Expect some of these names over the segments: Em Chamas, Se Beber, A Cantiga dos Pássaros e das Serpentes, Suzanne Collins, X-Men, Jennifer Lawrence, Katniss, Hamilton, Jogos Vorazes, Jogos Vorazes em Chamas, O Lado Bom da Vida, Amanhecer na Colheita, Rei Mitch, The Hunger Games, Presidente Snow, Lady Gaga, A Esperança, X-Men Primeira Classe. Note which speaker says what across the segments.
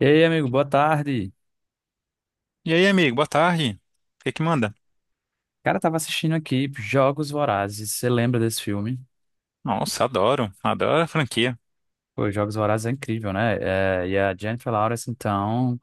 Speaker 1: E aí, amigo, boa tarde.
Speaker 2: E aí, amigo, boa tarde. O que que manda?
Speaker 1: Cara, tava assistindo aqui Jogos Vorazes. Você lembra desse filme?
Speaker 2: Nossa, adoro, adoro a franquia.
Speaker 1: Pô, Jogos Vorazes é incrível, né? É, e a Jennifer Lawrence, então,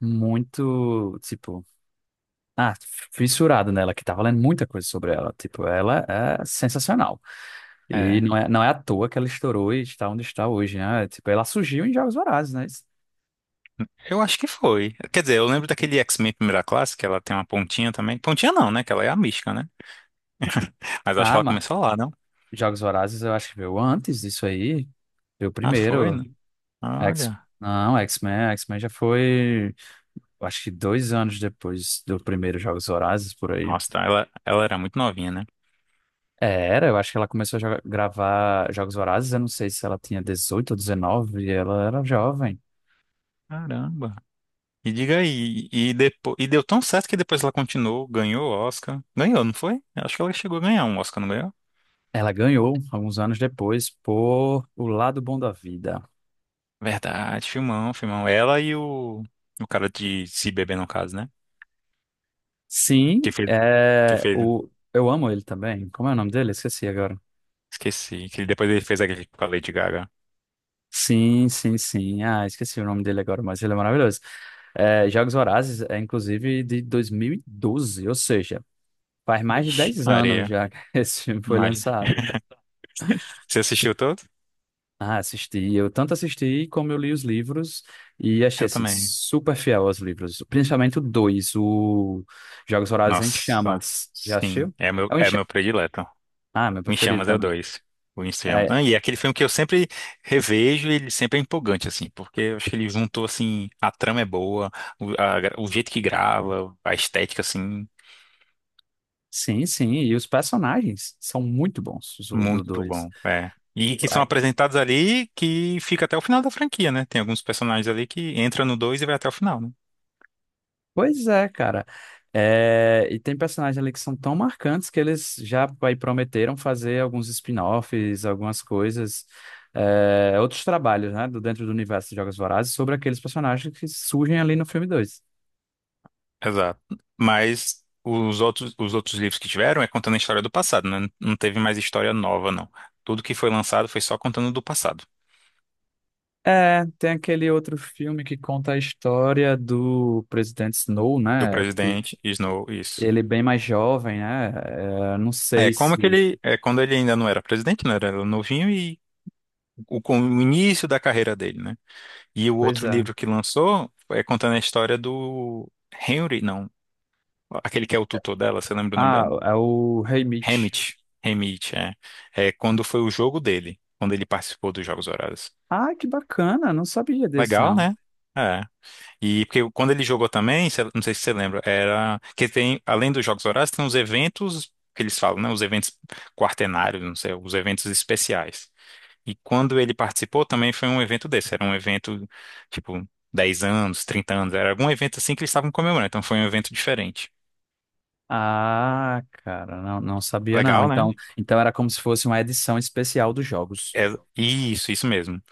Speaker 1: muito, tipo, ah, fissurado nela, que tava lendo muita coisa sobre ela. Tipo, ela é sensacional. E
Speaker 2: É,
Speaker 1: não é, não é à toa que ela estourou e está onde está hoje, né? Tipo, ela surgiu em Jogos Vorazes, né?
Speaker 2: eu acho que foi. Quer dizer, eu lembro daquele X-Men Primeira Classe, que ela tem uma pontinha também. Pontinha não, né? Que ela é a mística, né? Mas acho que
Speaker 1: Ah,
Speaker 2: ela
Speaker 1: mas
Speaker 2: começou lá, não?
Speaker 1: Jogos Vorazes eu acho que veio antes disso aí. Veio
Speaker 2: Ah, foi,
Speaker 1: primeiro.
Speaker 2: né?
Speaker 1: X...
Speaker 2: Olha.
Speaker 1: Não, X-Men já foi. Eu acho que dois anos depois do primeiro Jogos Vorazes, por aí.
Speaker 2: Nossa, tá, ela era muito novinha, né?
Speaker 1: É, era, eu acho que ela começou a gravar Jogos Vorazes, eu não sei se ela tinha 18 ou 19, e ela era jovem.
Speaker 2: Caramba. E diga aí, e, depois, e deu tão certo que depois ela continuou, ganhou o Oscar. Ganhou, não foi? Eu acho que ela chegou a ganhar um Oscar, não ganhou?
Speaker 1: Ela ganhou, alguns anos depois, por O Lado Bom da Vida.
Speaker 2: Verdade, filmão, filmão. Ela e o cara de Se Beber, no caso, né?
Speaker 1: Sim,
Speaker 2: Que fez.
Speaker 1: é,
Speaker 2: Que ele...
Speaker 1: eu amo ele também. Como é o nome dele? Esqueci agora.
Speaker 2: Esqueci. Que depois ele fez aquele com a Lady Gaga.
Speaker 1: Sim, sim, sim. Ah, esqueci o nome dele agora, mas ele é maravilhoso. É, Jogos Vorazes é, inclusive, de 2012, ou seja, faz mais de
Speaker 2: Vixe,
Speaker 1: 10 anos
Speaker 2: Maria.
Speaker 1: já que esse filme foi
Speaker 2: Mas...
Speaker 1: lançado.
Speaker 2: Você assistiu todo?
Speaker 1: Ah, assisti. Eu tanto assisti como eu li os livros e achei
Speaker 2: Eu
Speaker 1: assim
Speaker 2: também.
Speaker 1: super fiel aos livros, principalmente o dois, o Jogos Vorazes em
Speaker 2: Nossa,
Speaker 1: Chamas. Já
Speaker 2: sim.
Speaker 1: assistiu?
Speaker 2: É meu,
Speaker 1: É o em.
Speaker 2: é meu predileto.
Speaker 1: Ah, meu
Speaker 2: O Em
Speaker 1: preferido
Speaker 2: Chamas é o
Speaker 1: também.
Speaker 2: dois. O Em Chamas.
Speaker 1: É,
Speaker 2: Ah, e é aquele filme que eu sempre revejo e ele sempre é empolgante, assim, porque eu acho que ele juntou, assim, a trama é boa, o, a o jeito que grava, a estética, assim,
Speaker 1: sim, sim. E os personagens são muito bons os do
Speaker 2: muito
Speaker 1: dois.
Speaker 2: bom. É. E que são apresentados ali que fica até o final da franquia, né? Tem alguns personagens ali que entram no dois e vai até o final, né?
Speaker 1: Pois é, cara. É, e tem personagens ali que são tão marcantes que eles já aí prometeram fazer alguns spin-offs, algumas coisas, é, outros trabalhos, né, do dentro do universo de Jogos Vorazes sobre aqueles personagens que surgem ali no filme dois.
Speaker 2: Exato. Mas os outros livros que tiveram é contando a história do passado, né? Não teve mais história nova, não. Tudo que foi lançado foi só contando do passado,
Speaker 1: É, tem aquele outro filme que conta a história do presidente Snow,
Speaker 2: do
Speaker 1: né, que
Speaker 2: presidente Snow, isso.
Speaker 1: ele é bem mais jovem, né, é, não
Speaker 2: É
Speaker 1: sei
Speaker 2: como
Speaker 1: se...
Speaker 2: aquele, é quando ele ainda não era presidente, né? Era novinho e o, com o início da carreira dele, né? E o
Speaker 1: Pois
Speaker 2: outro
Speaker 1: é.
Speaker 2: livro que lançou é contando a história do Henry, não, aquele que é o tutor dela, você lembra o nome
Speaker 1: Ah,
Speaker 2: dela?
Speaker 1: é o Rei Mitch.
Speaker 2: Hamit, Hamit, é. É quando foi o jogo dele, quando ele participou dos Jogos Horários.
Speaker 1: Ah, que bacana, não sabia desse,
Speaker 2: Legal,
Speaker 1: não.
Speaker 2: né? É. E porque quando ele jogou também, não sei se você lembra, era que tem, além dos Jogos Horários, tem os eventos que eles falam, né? Os eventos quartenários, não sei, os eventos especiais. E quando ele participou também foi um evento desse, era um evento tipo 10 anos, 30 anos, era algum evento assim que eles estavam comemorando, então foi um evento diferente.
Speaker 1: Ah, cara, não, não sabia não.
Speaker 2: Legal, né?
Speaker 1: Então, então era como se fosse uma edição especial dos jogos.
Speaker 2: É, isso mesmo.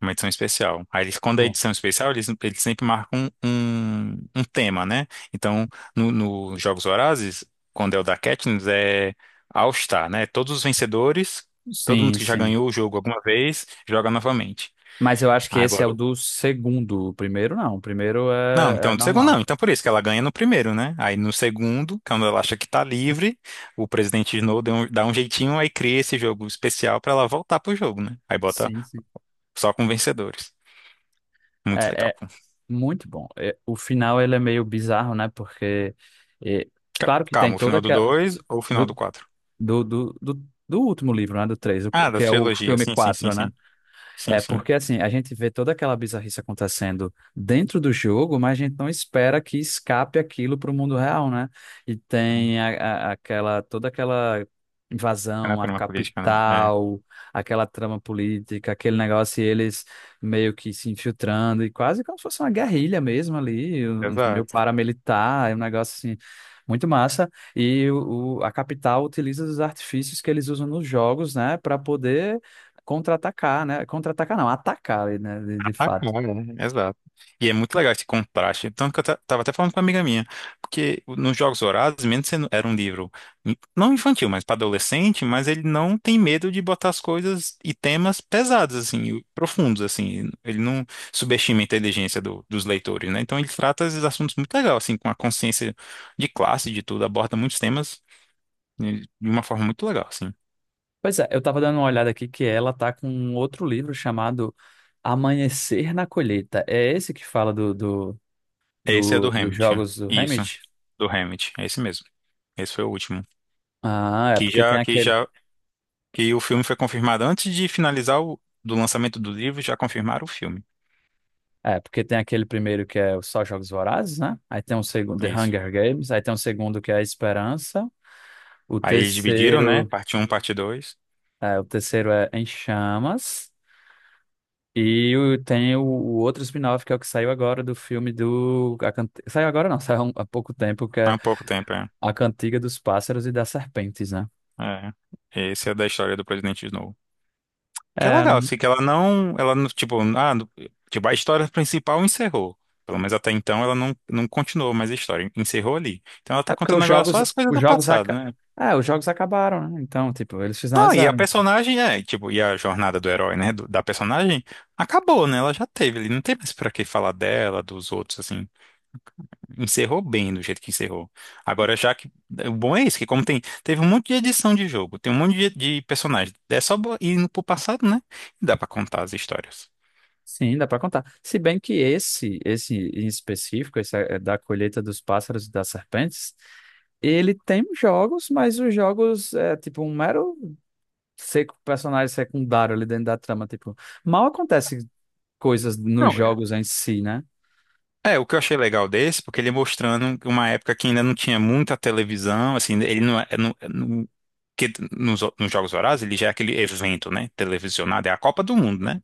Speaker 2: Uma edição especial. Aí eles, quando é
Speaker 1: Bom,
Speaker 2: edição especial, eles sempre marcam um tema, né? Então, no Jogos Vorazes, quando é o da Katniss, é All Star, né? Todos os vencedores, todo mundo
Speaker 1: sim,
Speaker 2: que já
Speaker 1: sim.
Speaker 2: ganhou o jogo alguma vez, joga novamente.
Speaker 1: Mas eu acho que esse é
Speaker 2: Agora,
Speaker 1: o do segundo. O primeiro não. O primeiro
Speaker 2: não,
Speaker 1: é, é
Speaker 2: então do segundo não,
Speaker 1: normal.
Speaker 2: então por isso que ela ganha no primeiro, né? Aí no segundo, quando ela acha que tá livre, o presidente Snow dá um jeitinho, aí cria esse jogo especial pra ela voltar pro jogo, né? Aí bota
Speaker 1: Sim, sim.
Speaker 2: só com vencedores. Muito
Speaker 1: É,
Speaker 2: legal.
Speaker 1: é muito bom. É, o final ele é meio bizarro, né? Porque é, claro que tem
Speaker 2: Calma, o
Speaker 1: toda
Speaker 2: final do
Speaker 1: aquela
Speaker 2: 2 ou o final do
Speaker 1: do,
Speaker 2: quatro?
Speaker 1: do último livro, né? Do três, o
Speaker 2: Ah, da
Speaker 1: que é o
Speaker 2: trilogia.
Speaker 1: filme
Speaker 2: Sim, sim, sim,
Speaker 1: 4, né?
Speaker 2: sim. Sim,
Speaker 1: É
Speaker 2: sim.
Speaker 1: porque assim, a gente vê toda aquela bizarrice acontecendo dentro do jogo, mas a gente não espera que escape aquilo para o mundo real, né? E tem aquela toda aquela
Speaker 2: É na
Speaker 1: invasão à
Speaker 2: trama política, né?
Speaker 1: capital, aquela trama política, aquele negócio e eles meio que se infiltrando e quase como se fosse uma guerrilha mesmo ali,
Speaker 2: É.
Speaker 1: meio
Speaker 2: Exato.
Speaker 1: paramilitar, é um negócio assim muito massa. E a capital utiliza os artifícios que eles usam nos jogos, né, para poder contra-atacar, né? Contra-atacar não, atacar, né? De
Speaker 2: Ah,
Speaker 1: fato.
Speaker 2: cara, né? Exato. E é muito legal esse contraste. Tanto que eu tava até falando com uma amiga minha. Porque nos Jogos Vorazes, mesmo sendo era um livro não infantil, mas para adolescente, mas ele não tem medo de botar as coisas e temas pesados, assim, e profundos, assim. Ele não subestima a inteligência dos leitores, né? Então ele trata esses assuntos muito legal, assim, com a consciência de classe, de tudo, aborda muitos temas e de uma forma muito legal, assim.
Speaker 1: Pois é, eu tava dando uma olhada aqui que ela tá com um outro livro chamado Amanhecer na Colheita. É esse que fala
Speaker 2: Esse é do
Speaker 1: dos
Speaker 2: Hamilton.
Speaker 1: jogos do
Speaker 2: Isso,
Speaker 1: Hamid?
Speaker 2: do Hamilton. É esse mesmo. Esse foi o último.
Speaker 1: Ah, é
Speaker 2: Que
Speaker 1: porque tem
Speaker 2: já, que
Speaker 1: aquele,
Speaker 2: já, que o filme foi confirmado antes de finalizar o do lançamento do livro, já confirmaram o filme.
Speaker 1: é porque tem aquele primeiro que é só Jogos Vorazes, né? Aí tem um segundo, The
Speaker 2: Isso.
Speaker 1: Hunger Games, aí tem um segundo que é A Esperança, o
Speaker 2: Aí eles dividiram, né?
Speaker 1: terceiro,
Speaker 2: Parte um, parte 2.
Speaker 1: o terceiro é Em Chamas. Tem o outro spin-off que é o que saiu agora do filme do. A Cant- Saiu agora não, saiu há pouco tempo, que é
Speaker 2: Há pouco tempo, é.
Speaker 1: A Cantiga dos Pássaros e das Serpentes, né?
Speaker 2: É. Esse é da história do Presidente Snow. Que é
Speaker 1: É,
Speaker 2: legal,
Speaker 1: não...
Speaker 2: assim, que ela não, tipo, ah, tipo, a história principal encerrou. Pelo menos até então ela não, não continuou mais a história, encerrou ali. Então ela tá
Speaker 1: é porque
Speaker 2: contando
Speaker 1: os
Speaker 2: agora só
Speaker 1: jogos.
Speaker 2: as coisas do passado, né?
Speaker 1: É, os jogos acabaram, né? Então, tipo, eles
Speaker 2: Não, e a
Speaker 1: finalizaram.
Speaker 2: personagem, é, tipo, e a jornada do herói, né, da personagem, acabou, né? Ela já teve ele não tem mais pra que falar dela, dos outros, assim. Encerrou bem do jeito que encerrou. Agora, já que. O bom é isso, que como tem. Teve um monte de edição de jogo, tem um monte de personagem. É só bo- ir no- pro passado, né? E dá pra contar as histórias.
Speaker 1: Sim, dá pra contar. Se bem que esse em específico, esse é da colheita dos pássaros e das serpentes, ele tem jogos, mas os jogos é tipo um mero seco personagem secundário ali dentro da trama, tipo. Mal acontece coisas nos
Speaker 2: Não.
Speaker 1: jogos em si, né?
Speaker 2: É, o que eu achei legal desse, porque ele mostrando uma época que ainda não tinha muita televisão, assim, ele não é. É, não, é, que nos Jogos Vorazes ele já é aquele evento, né? Televisionado, é a Copa do Mundo, né?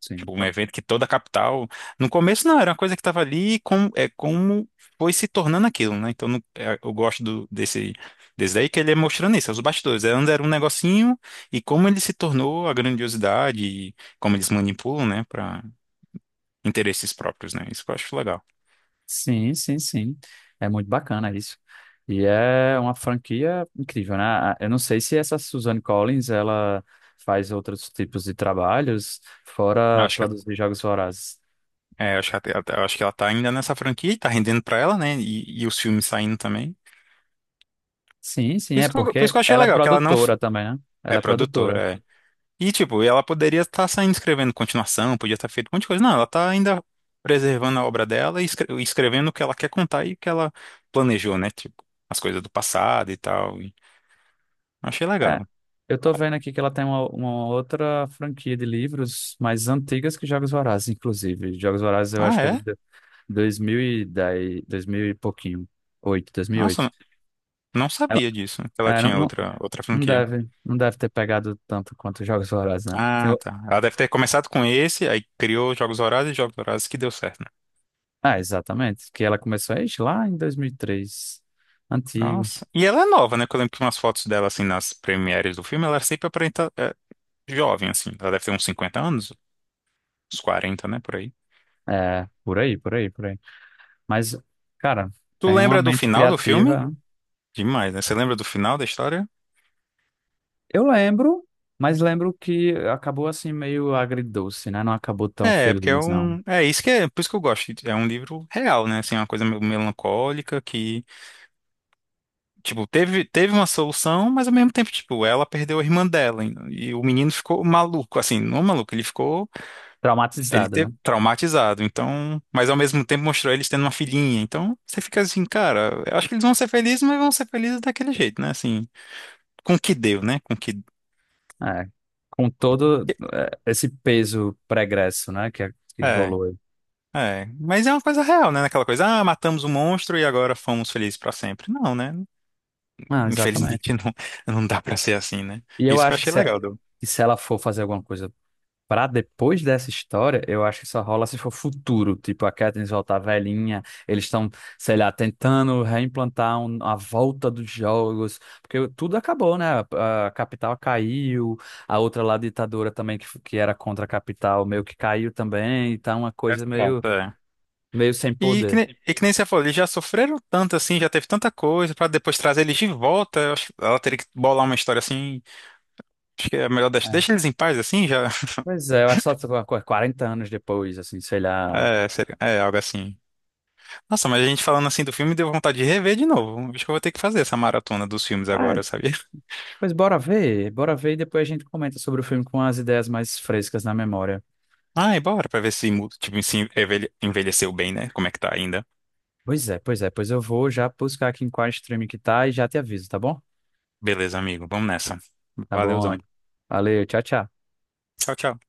Speaker 1: Sim.
Speaker 2: Tipo, um evento que toda a capital. No começo não, era uma coisa que estava ali e como, é, como foi se tornando aquilo, né? Então é, eu gosto do, desse, desse daí que ele é mostrando isso, é os bastidores. Antes era um negocinho e como ele se tornou a grandiosidade e como eles manipulam, né? Para interesses próprios, né? Isso que eu acho legal.
Speaker 1: Sim, sim, sim. É muito bacana isso. E é uma franquia incrível, né? A- Eu não sei se essa Suzanne Collins, ela faz outros tipos de trabalhos, fora
Speaker 2: Acho que
Speaker 1: produzir Jogos Vorazes.
Speaker 2: é, eu acho que, eu acho que ela tá ainda nessa franquia e tá rendendo pra ela, né? E os filmes saindo também.
Speaker 1: Sim, sim,
Speaker 2: Por
Speaker 1: é
Speaker 2: isso que eu, por isso
Speaker 1: porque
Speaker 2: que eu achei
Speaker 1: ela é
Speaker 2: legal, que ela não f-
Speaker 1: produtora também, né?
Speaker 2: é
Speaker 1: Ela é produtora.
Speaker 2: produtora. É. E, tipo, ela poderia estar saindo escrevendo continuação, podia estar feito um monte de coisa. Não, ela tá ainda preservando a obra dela e escrevendo o que ela quer contar e o que ela planejou, né? Tipo, as coisas do passado e tal. E achei
Speaker 1: É.
Speaker 2: legal.
Speaker 1: Eu tô vendo aqui que ela tem uma outra franquia de livros mais antigas que Jogos Vorazes, inclusive. Jogos Vorazes eu acho
Speaker 2: Ah,
Speaker 1: que é
Speaker 2: é?
Speaker 1: de 2010, 2000 e dez, dois mil e pouquinho. 8, oito.
Speaker 2: Nossa, não
Speaker 1: Ela,
Speaker 2: sabia disso, que ela
Speaker 1: não,
Speaker 2: tinha outra, outra
Speaker 1: não
Speaker 2: franquia.
Speaker 1: deve, não deve ter pegado tanto quanto os Jogos Vorazes, né?
Speaker 2: Ah, tá. Ela deve ter começado com esse, aí criou Jogos Vorazes e Jogos Vorazes que deu certo, né?
Speaker 1: Ah, exatamente. Que ela começou a ixi, lá em 2003. Antigo.
Speaker 2: Nossa. E ela é nova, né? Porque eu lembro que umas fotos dela, assim, nas premieres do filme, ela sempre aparenta é, jovem, assim. Ela deve ter uns 50 anos, uns 40, né? Por aí.
Speaker 1: É, por aí. Mas, cara,
Speaker 2: Tu
Speaker 1: tem uma
Speaker 2: lembra do
Speaker 1: mente
Speaker 2: final do filme?
Speaker 1: criativa.
Speaker 2: Demais, né? Você lembra do final da história?
Speaker 1: Eu lembro, mas lembro que acabou assim meio agridoce, né? Não acabou tão
Speaker 2: É, porque é
Speaker 1: feliz, não.
Speaker 2: um. É isso que é. Por isso que eu gosto. É um livro real, né? Assim, uma coisa meio melancólica que, tipo, teve uma solução, mas ao mesmo tempo, tipo, ela perdeu a irmã dela. E o menino ficou maluco, assim, não maluco, ele ficou. Ele
Speaker 1: Traumatizada,
Speaker 2: ter
Speaker 1: né?
Speaker 2: traumatizado, então, mas ao mesmo tempo mostrou eles tendo uma filhinha. Então, você fica assim, cara, eu acho que eles vão ser felizes, mas vão ser felizes daquele jeito, né? Assim, com o que deu, né? Com o que
Speaker 1: É, com todo é, esse peso pregresso, né, que, é, que
Speaker 2: é,
Speaker 1: rolou aí.
Speaker 2: é, mas é uma coisa real, né? Aquela coisa, ah, matamos o monstro e agora fomos felizes pra sempre. Não, né?
Speaker 1: Ah,
Speaker 2: Infelizmente
Speaker 1: exatamente.
Speaker 2: não, não dá pra ser assim, né?
Speaker 1: E eu
Speaker 2: Isso que eu
Speaker 1: acho
Speaker 2: achei legal do
Speaker 1: que se ela for fazer alguma coisa pra depois dessa história, eu acho que só rola se for futuro, tipo a Katniss voltar velhinha, eles estão, sei lá, tentando reimplantar a volta dos jogos, porque tudo acabou, né? A capital caiu, a outra lá ditadora também que, que era contra a capital meio que caiu também, tá uma
Speaker 2: é,
Speaker 1: coisa
Speaker 2: assim, ó. É.
Speaker 1: meio sem
Speaker 2: E que
Speaker 1: poder.
Speaker 2: nem, e que nem você falou, eles já sofreram tanto assim, já teve tanta coisa, pra depois trazer eles de volta. Eu acho que ela teria que bolar uma história assim. Acho que é melhor deixar, deixa eles em paz assim, já.
Speaker 1: Pois é, eu acho que só 40 anos depois, assim, sei lá.
Speaker 2: É, seria, é algo assim. Nossa, mas a gente falando assim do filme deu vontade de rever de novo. Acho que eu vou ter que fazer essa maratona dos filmes
Speaker 1: Ah,
Speaker 2: agora, sabia?
Speaker 1: bora ver e depois a gente comenta sobre o filme com as ideias mais frescas na memória.
Speaker 2: Ai, bora pra ver se, tipo, se envelheceu bem, né? Como é que tá ainda.
Speaker 1: Pois eu vou já buscar aqui em qual streaming que tá e já te aviso, tá bom?
Speaker 2: Beleza, amigo, vamos nessa.
Speaker 1: Tá
Speaker 2: Valeuzão.
Speaker 1: bom. Valeu, tchau, tchau.
Speaker 2: Tchau, tchau.